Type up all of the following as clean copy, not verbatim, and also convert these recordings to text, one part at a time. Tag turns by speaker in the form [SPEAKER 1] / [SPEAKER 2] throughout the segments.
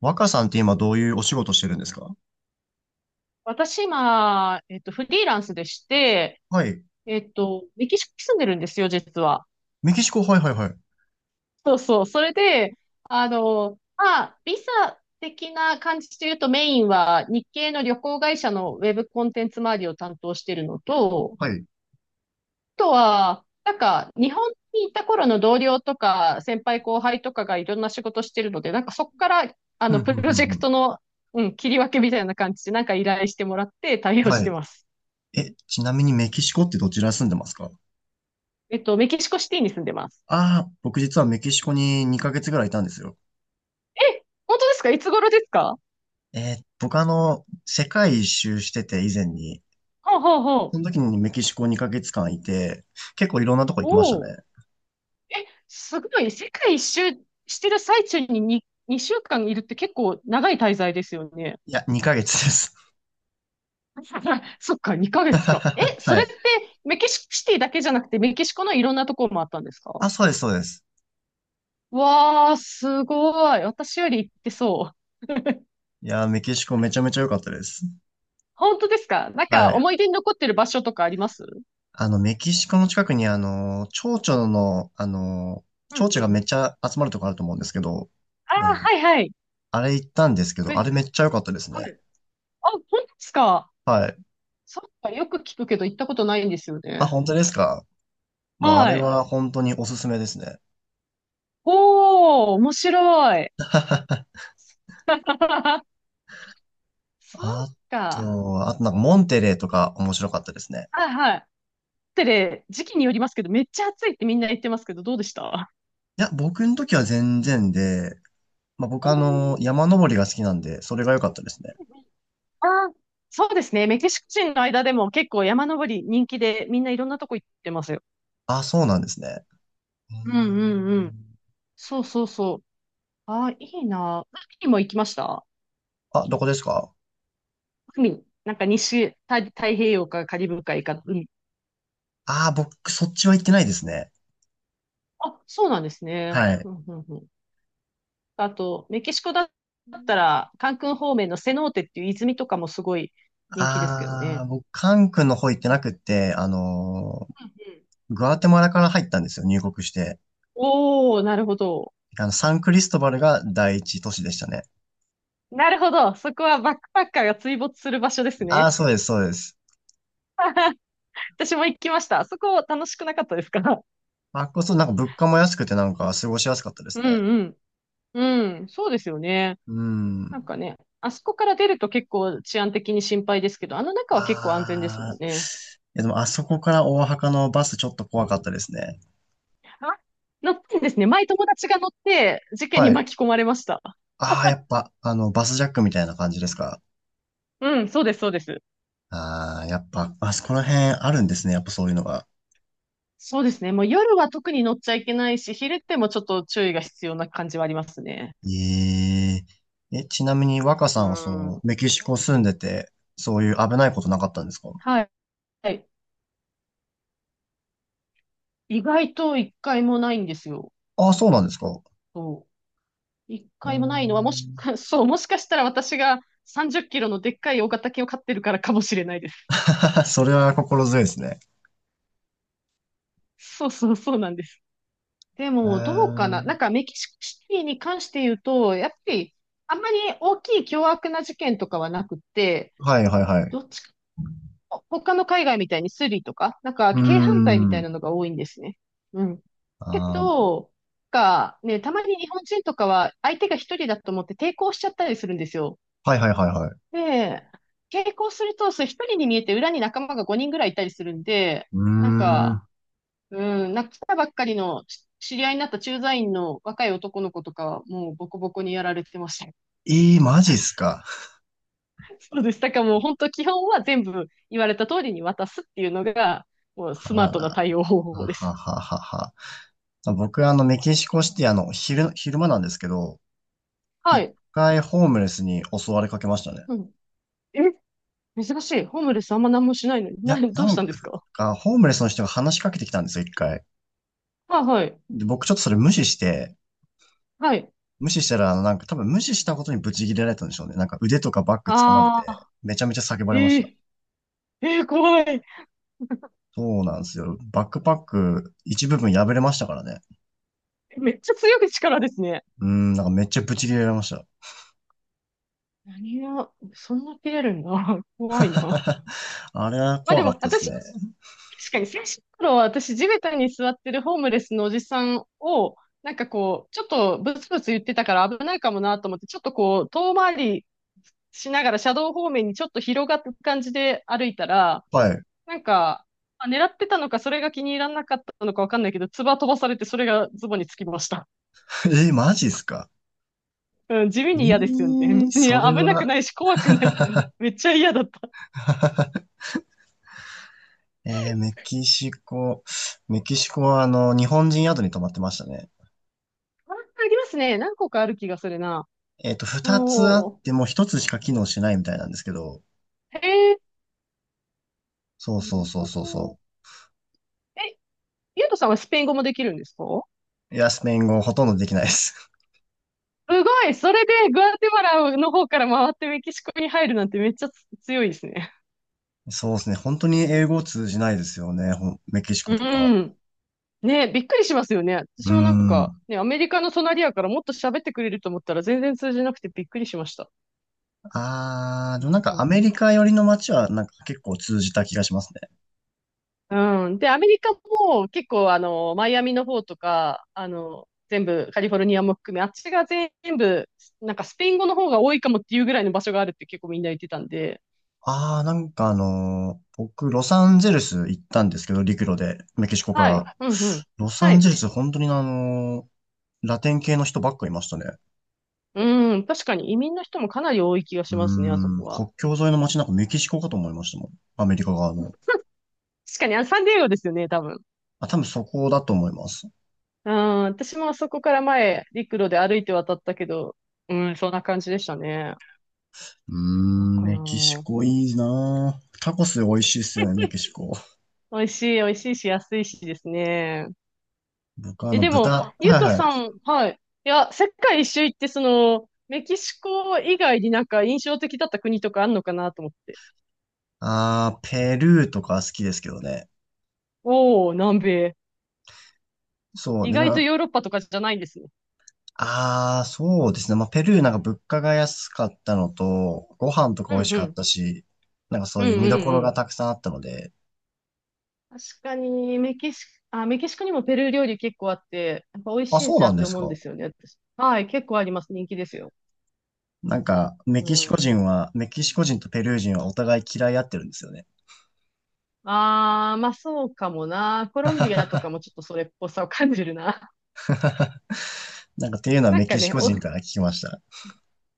[SPEAKER 1] 若さんって今どういうお仕事してるんですか？
[SPEAKER 2] 私今、フリーランスでして、
[SPEAKER 1] はい。
[SPEAKER 2] メキシコに住んでるんですよ、実は。
[SPEAKER 1] メキシコ、はいはいはい。
[SPEAKER 2] そうそう。それで、まあ、ビザ的な感じで言うとメインは日系の旅行会社のウェブコンテンツ周りを担当してるのと、
[SPEAKER 1] はい。
[SPEAKER 2] あとは、日本に行った頃の同僚とか、先輩後輩とかがいろんな仕事してるので、そこから、
[SPEAKER 1] ふん
[SPEAKER 2] プ
[SPEAKER 1] ふん
[SPEAKER 2] ロ
[SPEAKER 1] ふん
[SPEAKER 2] ジェ
[SPEAKER 1] ふ
[SPEAKER 2] クト
[SPEAKER 1] ん。
[SPEAKER 2] の、うん、切り分けみたいな感じで、依頼してもらって対応し
[SPEAKER 1] は
[SPEAKER 2] て
[SPEAKER 1] い。
[SPEAKER 2] ます。
[SPEAKER 1] え、ちなみにメキシコってどちら住んでますか？
[SPEAKER 2] メキシコシティに住んでます。
[SPEAKER 1] ああー、僕実はメキシコに2ヶ月ぐらいいたんですよ。
[SPEAKER 2] え、本当ですか？いつ頃ですか？は
[SPEAKER 1] 僕世界一周してて以前に、
[SPEAKER 2] あ、はあ、は
[SPEAKER 1] その
[SPEAKER 2] あ。
[SPEAKER 1] 時にメキシコ2ヶ月間いて、結構いろんなとこ行きました
[SPEAKER 2] おお。
[SPEAKER 1] ね。
[SPEAKER 2] え、すごい。世界一周してる最中に2週間いるって結構長い滞在ですよね。
[SPEAKER 1] いや、2ヶ月です。
[SPEAKER 2] そっか、2ヶ月か。え、そ
[SPEAKER 1] は
[SPEAKER 2] れっ
[SPEAKER 1] い。
[SPEAKER 2] てメキシコシティだけじゃなくてメキシコのいろんなところもあったんですか？
[SPEAKER 1] あ、そうです、そうです。
[SPEAKER 2] わー、すごい。私より行ってそう。
[SPEAKER 1] いやー、メキシコめちゃめちゃ良かったです。
[SPEAKER 2] 本当ですか？なん
[SPEAKER 1] は
[SPEAKER 2] か
[SPEAKER 1] い。
[SPEAKER 2] 思い出に残ってる場所とかあります？
[SPEAKER 1] メキシコの近くに、蝶々の、
[SPEAKER 2] うんうん。
[SPEAKER 1] 蝶々がめっちゃ集まるとこあると思うんですけど、
[SPEAKER 2] あ
[SPEAKER 1] え
[SPEAKER 2] あ
[SPEAKER 1] ー
[SPEAKER 2] はいはい。
[SPEAKER 1] あれ行ったんですけ
[SPEAKER 2] く
[SPEAKER 1] ど、あ
[SPEAKER 2] え、
[SPEAKER 1] れめっちゃ良かったです
[SPEAKER 2] は
[SPEAKER 1] ね。
[SPEAKER 2] い。あ、本当ですか？
[SPEAKER 1] はい。
[SPEAKER 2] そっか、よく聞くけど行ったことないんですよ
[SPEAKER 1] あ、
[SPEAKER 2] ね。
[SPEAKER 1] 本当ですか？もうあれ
[SPEAKER 2] はい。
[SPEAKER 1] は本当におすすめですね。
[SPEAKER 2] おー、面白い。そう
[SPEAKER 1] あ
[SPEAKER 2] か。
[SPEAKER 1] あとなんかモンテレーとか面白かったですね。
[SPEAKER 2] はいはい。ってね、時期によりますけど、めっちゃ暑いってみんな言ってますけど、どうでした？
[SPEAKER 1] いや、僕の時は全然で、まあ、
[SPEAKER 2] お
[SPEAKER 1] 僕
[SPEAKER 2] ー。
[SPEAKER 1] 山登りが好きなんで、それが良かったですね。
[SPEAKER 2] あ、そうですね。メキシコ人の間でも結構山登り人気で、みんないろんなとこ行ってますよ。
[SPEAKER 1] あ、そうなんですね。うー
[SPEAKER 2] うんうんうん。
[SPEAKER 1] ん。
[SPEAKER 2] そうそうそう。あ、いいな。海も行きました？
[SPEAKER 1] あ、どこですか？
[SPEAKER 2] 海。なんか太平洋かカリブ海か海。
[SPEAKER 1] ああー、僕、そっちは行ってないですね。
[SPEAKER 2] あ、そうなんですね。
[SPEAKER 1] はい。
[SPEAKER 2] うんうんうん。あと、メキシコだったら、カンクン方面のセノーテっていう泉とかもすごい人気ですけど
[SPEAKER 1] あ
[SPEAKER 2] ね。
[SPEAKER 1] あ、僕、カン君の方行って
[SPEAKER 2] うん
[SPEAKER 1] なくって、
[SPEAKER 2] うんうん。
[SPEAKER 1] グアテマラから入ったんですよ、入国して。
[SPEAKER 2] おー、なるほど。
[SPEAKER 1] サンクリストバルが第一都市でしたね。
[SPEAKER 2] なるほど。そこはバックパッカーが追没する場所です
[SPEAKER 1] あ
[SPEAKER 2] ね。
[SPEAKER 1] あ、そうです、そうです。
[SPEAKER 2] 私も行きました。そこ楽しくなかったですか？
[SPEAKER 1] あっこそ、なんか物価も安くて、なんか過ごしやすかったで
[SPEAKER 2] う
[SPEAKER 1] すね。
[SPEAKER 2] んうん。うん、そうですよね。
[SPEAKER 1] う
[SPEAKER 2] なん
[SPEAKER 1] ん。
[SPEAKER 2] かね、あそこから出ると結構治安的に心配ですけど、あの中は結構安全ですも
[SPEAKER 1] ああ、
[SPEAKER 2] んね。
[SPEAKER 1] いやでも、あそこから大阪のバスちょっと怖かったですね。
[SPEAKER 2] あ、乗ってんですね。前友達が乗って事件に
[SPEAKER 1] はい。
[SPEAKER 2] 巻き込まれました。
[SPEAKER 1] ああ、やっぱ、バスジャックみたいな感じですか。
[SPEAKER 2] うん、そうです、そうです。
[SPEAKER 1] ああー、やっぱ、あそこら辺あるんですね、やっぱそういうのが。
[SPEAKER 2] そうですね。もう夜は特に乗っちゃいけないし、昼ってもちょっと注意が必要な感じはありますね。
[SPEAKER 1] ええ、え、ちなみに若さ
[SPEAKER 2] う
[SPEAKER 1] んはそ
[SPEAKER 2] ん。
[SPEAKER 1] う、メキシコ住んでて、そういう危ないことなかったんですか？
[SPEAKER 2] はい。はい、意外と一回もないんですよ。
[SPEAKER 1] ああ、そうなんですか。う
[SPEAKER 2] そう。一
[SPEAKER 1] ー
[SPEAKER 2] 回もないのは、もし
[SPEAKER 1] ん。
[SPEAKER 2] か、そう、もしかしたら私が30キロのでっかい大型犬を飼ってるからかもしれないです。
[SPEAKER 1] それは心強いですね。
[SPEAKER 2] そうそうそうなんです。で
[SPEAKER 1] うー
[SPEAKER 2] も、どうかな。な
[SPEAKER 1] ん。
[SPEAKER 2] んかメキシコシティに関して言うと、やっぱり、あんまり大きい凶悪な事件とかはなくて、
[SPEAKER 1] はいはいはい。
[SPEAKER 2] どっち他の海外みたいにスリとか、なんか
[SPEAKER 1] うー
[SPEAKER 2] 軽犯罪みたいな
[SPEAKER 1] ん。
[SPEAKER 2] のが多いんですね。うん。
[SPEAKER 1] あ
[SPEAKER 2] け
[SPEAKER 1] ー
[SPEAKER 2] ど、なんかね、たまに日本人とかは相手が一人だと思って抵抗しちゃったりするんですよ。
[SPEAKER 1] はいはいはいはい。
[SPEAKER 2] で、抵抗すると、それ一人に見えて裏に仲間が5人ぐらいいたりするんで、
[SPEAKER 1] うー
[SPEAKER 2] なん
[SPEAKER 1] ん。
[SPEAKER 2] か、来たばっかりのし知り合いになった駐在員の若い男の子とかはもうボコボコにやられてますね。
[SPEAKER 1] ええ、マジっすか？
[SPEAKER 2] そうです。だからもう本当基本は全部言われた通りに渡すっていうのが、もう
[SPEAKER 1] あ
[SPEAKER 2] スマー
[SPEAKER 1] ら
[SPEAKER 2] トな
[SPEAKER 1] ら。
[SPEAKER 2] 対応方
[SPEAKER 1] あ
[SPEAKER 2] 法で
[SPEAKER 1] は
[SPEAKER 2] す。
[SPEAKER 1] ははは。僕、メキシコシティ、昼間なんですけど、
[SPEAKER 2] は
[SPEAKER 1] 一
[SPEAKER 2] い。
[SPEAKER 1] 回ホームレスに襲われかけましたね。
[SPEAKER 2] うん。え、珍しい。ホームレスあんま何もしないのに。
[SPEAKER 1] いや、
[SPEAKER 2] どう
[SPEAKER 1] な
[SPEAKER 2] し
[SPEAKER 1] ん
[SPEAKER 2] たんですか？
[SPEAKER 1] か、ホームレスの人が話しかけてきたんですよ、一回。
[SPEAKER 2] はいはい。
[SPEAKER 1] で、僕ちょっとそれ無視して、
[SPEAKER 2] はい。
[SPEAKER 1] 無視したら、なんか多分無視したことにブチギレられたんでしょうね。なんか腕とかバッグ掴まれて、
[SPEAKER 2] ああ、
[SPEAKER 1] めちゃめちゃ叫ば
[SPEAKER 2] え
[SPEAKER 1] れました。
[SPEAKER 2] ええー怖い。
[SPEAKER 1] そうなんですよ。バックパック一部分破れましたからね。
[SPEAKER 2] めっちゃ強い力ですね。
[SPEAKER 1] うーん、なんかめっちゃブチギレられました。
[SPEAKER 2] 何が、そんな切れるんだ。怖いな。
[SPEAKER 1] あれは
[SPEAKER 2] まあ
[SPEAKER 1] 怖
[SPEAKER 2] で
[SPEAKER 1] かっ
[SPEAKER 2] も、
[SPEAKER 1] たです
[SPEAKER 2] 私
[SPEAKER 1] ね。
[SPEAKER 2] 確かに最初の頃は私地べたに座ってるホームレスのおじさんを、なんかこう、ちょっとブツブツ言ってたから危ないかもなと思って、ちょっとこう、遠回りしながら車道方面にちょっと広がった感じで歩いたら、
[SPEAKER 1] はい。
[SPEAKER 2] なんか、まあ狙ってたのか、それが気に入らなかったのかわかんないけど、唾飛ばされてそれがズボンにつきました。
[SPEAKER 1] マジっすか？
[SPEAKER 2] うん、地味に嫌ですよね。別に
[SPEAKER 1] それ
[SPEAKER 2] 危なく
[SPEAKER 1] は、
[SPEAKER 2] ないし怖くないけど、めっちゃ嫌だった。
[SPEAKER 1] えー、メキシコ、メキシコは日本人宿に泊まってましたね。
[SPEAKER 2] あ、ありますね。何個かある気がするな。
[SPEAKER 1] 二つあっ
[SPEAKER 2] おー。
[SPEAKER 1] ても一つしか機能しないみたいなんですけど、
[SPEAKER 2] へえ。
[SPEAKER 1] そう
[SPEAKER 2] な
[SPEAKER 1] そう
[SPEAKER 2] る
[SPEAKER 1] そう
[SPEAKER 2] ほ
[SPEAKER 1] そう
[SPEAKER 2] ど。
[SPEAKER 1] そ
[SPEAKER 2] ゆうとさんはスペイン語もできるんですか？
[SPEAKER 1] う。いや、スペイン語ほとんどできないです。
[SPEAKER 2] すごいそれでグアテマラの方から回ってメキシコに入るなんてめっちゃ強いですね。
[SPEAKER 1] そうですね。本当に英語通じないですよね。ほんメキシコ
[SPEAKER 2] う
[SPEAKER 1] とか。
[SPEAKER 2] ん。ね、びっくりしますよね。
[SPEAKER 1] う
[SPEAKER 2] 私
[SPEAKER 1] ー
[SPEAKER 2] もなんか、
[SPEAKER 1] ん。
[SPEAKER 2] ね、アメリカの隣やからもっと喋ってくれると思ったら全然通じなくてびっくりしました。
[SPEAKER 1] あー、で
[SPEAKER 2] な
[SPEAKER 1] もなん
[SPEAKER 2] ん
[SPEAKER 1] かア
[SPEAKER 2] か、
[SPEAKER 1] メリカ寄りの街はなんか結構通じた気がしますね。
[SPEAKER 2] うん。で、アメリカも結構マイアミの方とか、全部カリフォルニアも含め、あっちが全部、なんかスペイン語の方が多いかもっていうぐらいの場所があるって結構みんな言ってたんで、
[SPEAKER 1] あー、なんか僕、ロサンゼルス行ったんですけど、陸路で、メキシコか
[SPEAKER 2] はい。
[SPEAKER 1] ら。
[SPEAKER 2] うんうん。
[SPEAKER 1] ロサ
[SPEAKER 2] は
[SPEAKER 1] ンゼ
[SPEAKER 2] い。
[SPEAKER 1] ルス、本当にラテン系の人ばっかいましたね。
[SPEAKER 2] うん、確かに移民の人もかなり多い気が
[SPEAKER 1] う
[SPEAKER 2] し
[SPEAKER 1] ー
[SPEAKER 2] ますね、あそこ
[SPEAKER 1] ん、
[SPEAKER 2] は。
[SPEAKER 1] 国境 沿いの街なんかメキシコかと思いましたもん。アメリカ側の。
[SPEAKER 2] 確かに、あ、サンディエゴですよね、多分。
[SPEAKER 1] あ、多分そこだと思います。
[SPEAKER 2] うん、私もあそこから前、陸路で歩いて渡ったけど、うん、そんな感じでしたね。
[SPEAKER 1] うー
[SPEAKER 2] なん
[SPEAKER 1] ん、
[SPEAKER 2] か
[SPEAKER 1] メキシ
[SPEAKER 2] な
[SPEAKER 1] コいいなぁ。タコス美味しいっすよね、メキシコ。
[SPEAKER 2] あ美味しい、美味しいし、安いしですね。
[SPEAKER 1] 僕はあ
[SPEAKER 2] え、
[SPEAKER 1] の
[SPEAKER 2] でも、
[SPEAKER 1] 豚、
[SPEAKER 2] ゆう
[SPEAKER 1] はい
[SPEAKER 2] と
[SPEAKER 1] は
[SPEAKER 2] さ
[SPEAKER 1] い。
[SPEAKER 2] ん、はい。いや、世界一周行って、その、メキシコ以外になんか印象的だった国とかあんのかなと思って。
[SPEAKER 1] あー、ペルーとか好きですけどね。
[SPEAKER 2] おー、南米。
[SPEAKER 1] そう、
[SPEAKER 2] 意
[SPEAKER 1] で
[SPEAKER 2] 外と
[SPEAKER 1] な、
[SPEAKER 2] ヨーロッパとかじゃないんですね。
[SPEAKER 1] あー、そうですね。まあ、ペルーなんか物価が安かったのと、ご飯とか
[SPEAKER 2] う
[SPEAKER 1] 美
[SPEAKER 2] ん
[SPEAKER 1] 味し
[SPEAKER 2] う
[SPEAKER 1] かっ
[SPEAKER 2] ん。
[SPEAKER 1] たし、なんかそ
[SPEAKER 2] う
[SPEAKER 1] ういう
[SPEAKER 2] ん
[SPEAKER 1] 見どころ
[SPEAKER 2] う
[SPEAKER 1] が
[SPEAKER 2] ん。
[SPEAKER 1] たくさんあったので。
[SPEAKER 2] 確かに、メキシコにもペルー料理結構あって、やっぱ美味
[SPEAKER 1] あ、
[SPEAKER 2] しい
[SPEAKER 1] そう
[SPEAKER 2] な
[SPEAKER 1] なん
[SPEAKER 2] っ
[SPEAKER 1] で
[SPEAKER 2] て
[SPEAKER 1] す
[SPEAKER 2] 思うんで
[SPEAKER 1] か。
[SPEAKER 2] すよね、私。はい、結構あります。人気ですよ。
[SPEAKER 1] なんか、
[SPEAKER 2] うん。
[SPEAKER 1] メキシコ人とペルー人はお互い嫌い合ってるんですよね。
[SPEAKER 2] あー、まあそうかもな。コロンビアとかもちょっとそれっぽさを感じるな。
[SPEAKER 1] なんかっていう のは
[SPEAKER 2] なん
[SPEAKER 1] メ
[SPEAKER 2] か
[SPEAKER 1] キシ
[SPEAKER 2] ね、
[SPEAKER 1] コ
[SPEAKER 2] お、
[SPEAKER 1] 人から聞きました。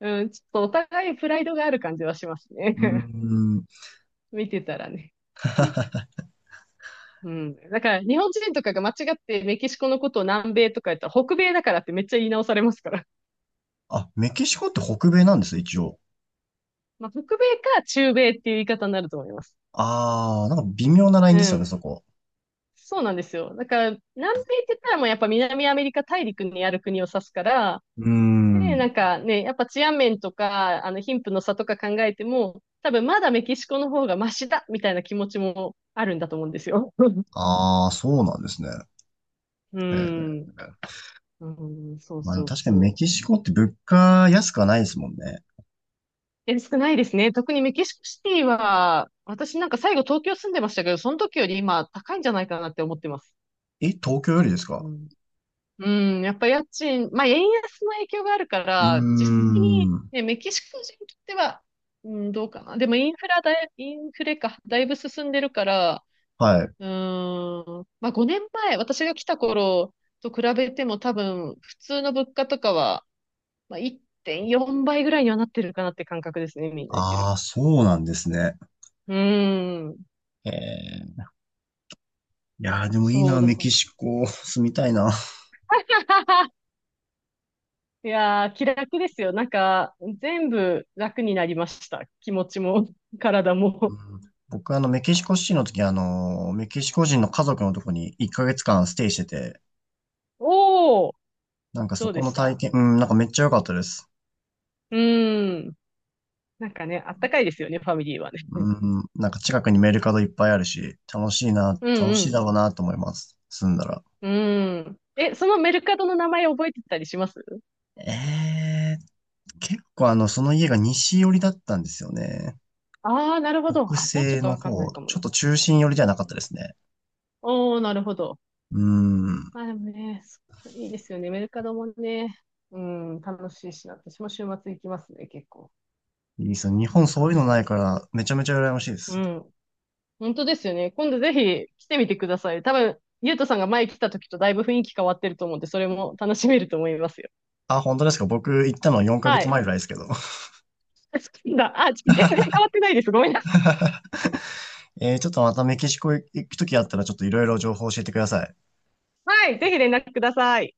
[SPEAKER 2] うん、ちょっとお互いプライドがある感じはします
[SPEAKER 1] う
[SPEAKER 2] ね。
[SPEAKER 1] ーん。
[SPEAKER 2] 見てたらね。うん。だから、日本人とかが間違ってメキシコのことを南米とか言ったら、北米だからってめっちゃ言い直されますから。
[SPEAKER 1] あ、メキシコって北米なんですね、一応。
[SPEAKER 2] まあ、北米か中米っていう言い方になると思います。
[SPEAKER 1] あー、なんか微妙なライ
[SPEAKER 2] う
[SPEAKER 1] ンですよね、
[SPEAKER 2] ん。
[SPEAKER 1] そこ。
[SPEAKER 2] そうなんですよ。だから、南米って言ったらもうやっぱ南アメリカ大陸にある国を指すから、
[SPEAKER 1] うー
[SPEAKER 2] で、な
[SPEAKER 1] ん。
[SPEAKER 2] んかね、やっぱ治安面とか、貧富の差とか考えても、多分まだメキシコの方がマシだみたいな気持ちもあるんだと思うんですよ。
[SPEAKER 1] あー、そうなんですね。
[SPEAKER 2] う
[SPEAKER 1] え
[SPEAKER 2] ん。
[SPEAKER 1] ー
[SPEAKER 2] うん、そう
[SPEAKER 1] まあ、
[SPEAKER 2] そう
[SPEAKER 1] 確かにメ
[SPEAKER 2] そ
[SPEAKER 1] キシコって物価安くはないですもんね。
[SPEAKER 2] う。え、少ないですね。特にメキシコシティは、私なんか最後東京住んでましたけど、その時より今高いんじゃないかなって思ってます。
[SPEAKER 1] え、東京よりです
[SPEAKER 2] う
[SPEAKER 1] か？
[SPEAKER 2] んうん、やっぱ家賃、まあ、円安の影響があるか
[SPEAKER 1] う
[SPEAKER 2] ら、実際に、
[SPEAKER 1] ーん。
[SPEAKER 2] ね、メキシコ人にとっては、うん、どうかな。でもインフラだい、インフレか、だいぶ進んでるから、
[SPEAKER 1] はい。
[SPEAKER 2] うーん、まあ、5年前、私が来た頃と比べても多分、普通の物価とかは、まあ、1.4倍ぐらいにはなってるかなって感覚ですね、みんな言ってる。
[SPEAKER 1] ああ、そうなんですね。
[SPEAKER 2] うーん、
[SPEAKER 1] ええ。いやー、でもいい
[SPEAKER 2] そう
[SPEAKER 1] な、
[SPEAKER 2] だ
[SPEAKER 1] メ
[SPEAKER 2] から。
[SPEAKER 1] キシコ、住みたいな。
[SPEAKER 2] いやー、気楽ですよ。なんか、全部楽になりました。気持ちも、体
[SPEAKER 1] う
[SPEAKER 2] も。
[SPEAKER 1] ん僕はメキシコシティの時、メキシコ人の家族のとこに1ヶ月間ステイしてて、
[SPEAKER 2] おー、
[SPEAKER 1] なんか
[SPEAKER 2] ど
[SPEAKER 1] そ
[SPEAKER 2] うで
[SPEAKER 1] この
[SPEAKER 2] し
[SPEAKER 1] 体
[SPEAKER 2] た？
[SPEAKER 1] 験、うん、なんかめっちゃ良かったです。
[SPEAKER 2] うーん。なんかね、あったかいですよね、ファミリーはね。
[SPEAKER 1] うん、なんか近くにメルカドいっぱいあるし、楽しいな、
[SPEAKER 2] う
[SPEAKER 1] 楽しい
[SPEAKER 2] ん
[SPEAKER 1] だろうなと思います。住んだら。
[SPEAKER 2] うん。うーん。え、そのメルカドの名前覚えてたりします？
[SPEAKER 1] え結構その家が西寄りだったんですよね。
[SPEAKER 2] ああー、なるほど。
[SPEAKER 1] 北
[SPEAKER 2] あ、じゃあちょっ
[SPEAKER 1] 西
[SPEAKER 2] と
[SPEAKER 1] の
[SPEAKER 2] わかんない
[SPEAKER 1] 方、
[SPEAKER 2] かも
[SPEAKER 1] ちょっ
[SPEAKER 2] な。
[SPEAKER 1] と中心寄りじゃなかったですね。
[SPEAKER 2] おー、なるほど。
[SPEAKER 1] うん、
[SPEAKER 2] まあでもね、そういいですよね。メルカドもね、うん、楽しいしな。私も週末行きますね、結構。
[SPEAKER 1] いいですよ。日
[SPEAKER 2] な
[SPEAKER 1] 本
[SPEAKER 2] ん
[SPEAKER 1] そういう
[SPEAKER 2] か、
[SPEAKER 1] のないから、めちゃめちゃ羨ましいで
[SPEAKER 2] う
[SPEAKER 1] す。
[SPEAKER 2] ん。本当ですよね。今度ぜひ来てみてください。多分、ゆうとさんが前来た時とだいぶ雰囲気変わってると思うんで、それも楽しめると思いますよ。
[SPEAKER 1] あ、本当ですか？僕行ったの4ヶ
[SPEAKER 2] は
[SPEAKER 1] 月前
[SPEAKER 2] い。
[SPEAKER 1] ぐらいですけど。
[SPEAKER 2] 好きだ。あ、全然変わってないです。ごめんなさ
[SPEAKER 1] ちょっとまたメキシコ行くときあったらちょっといろいろ情報教えてください。
[SPEAKER 2] い。はい。ぜひ連絡ください。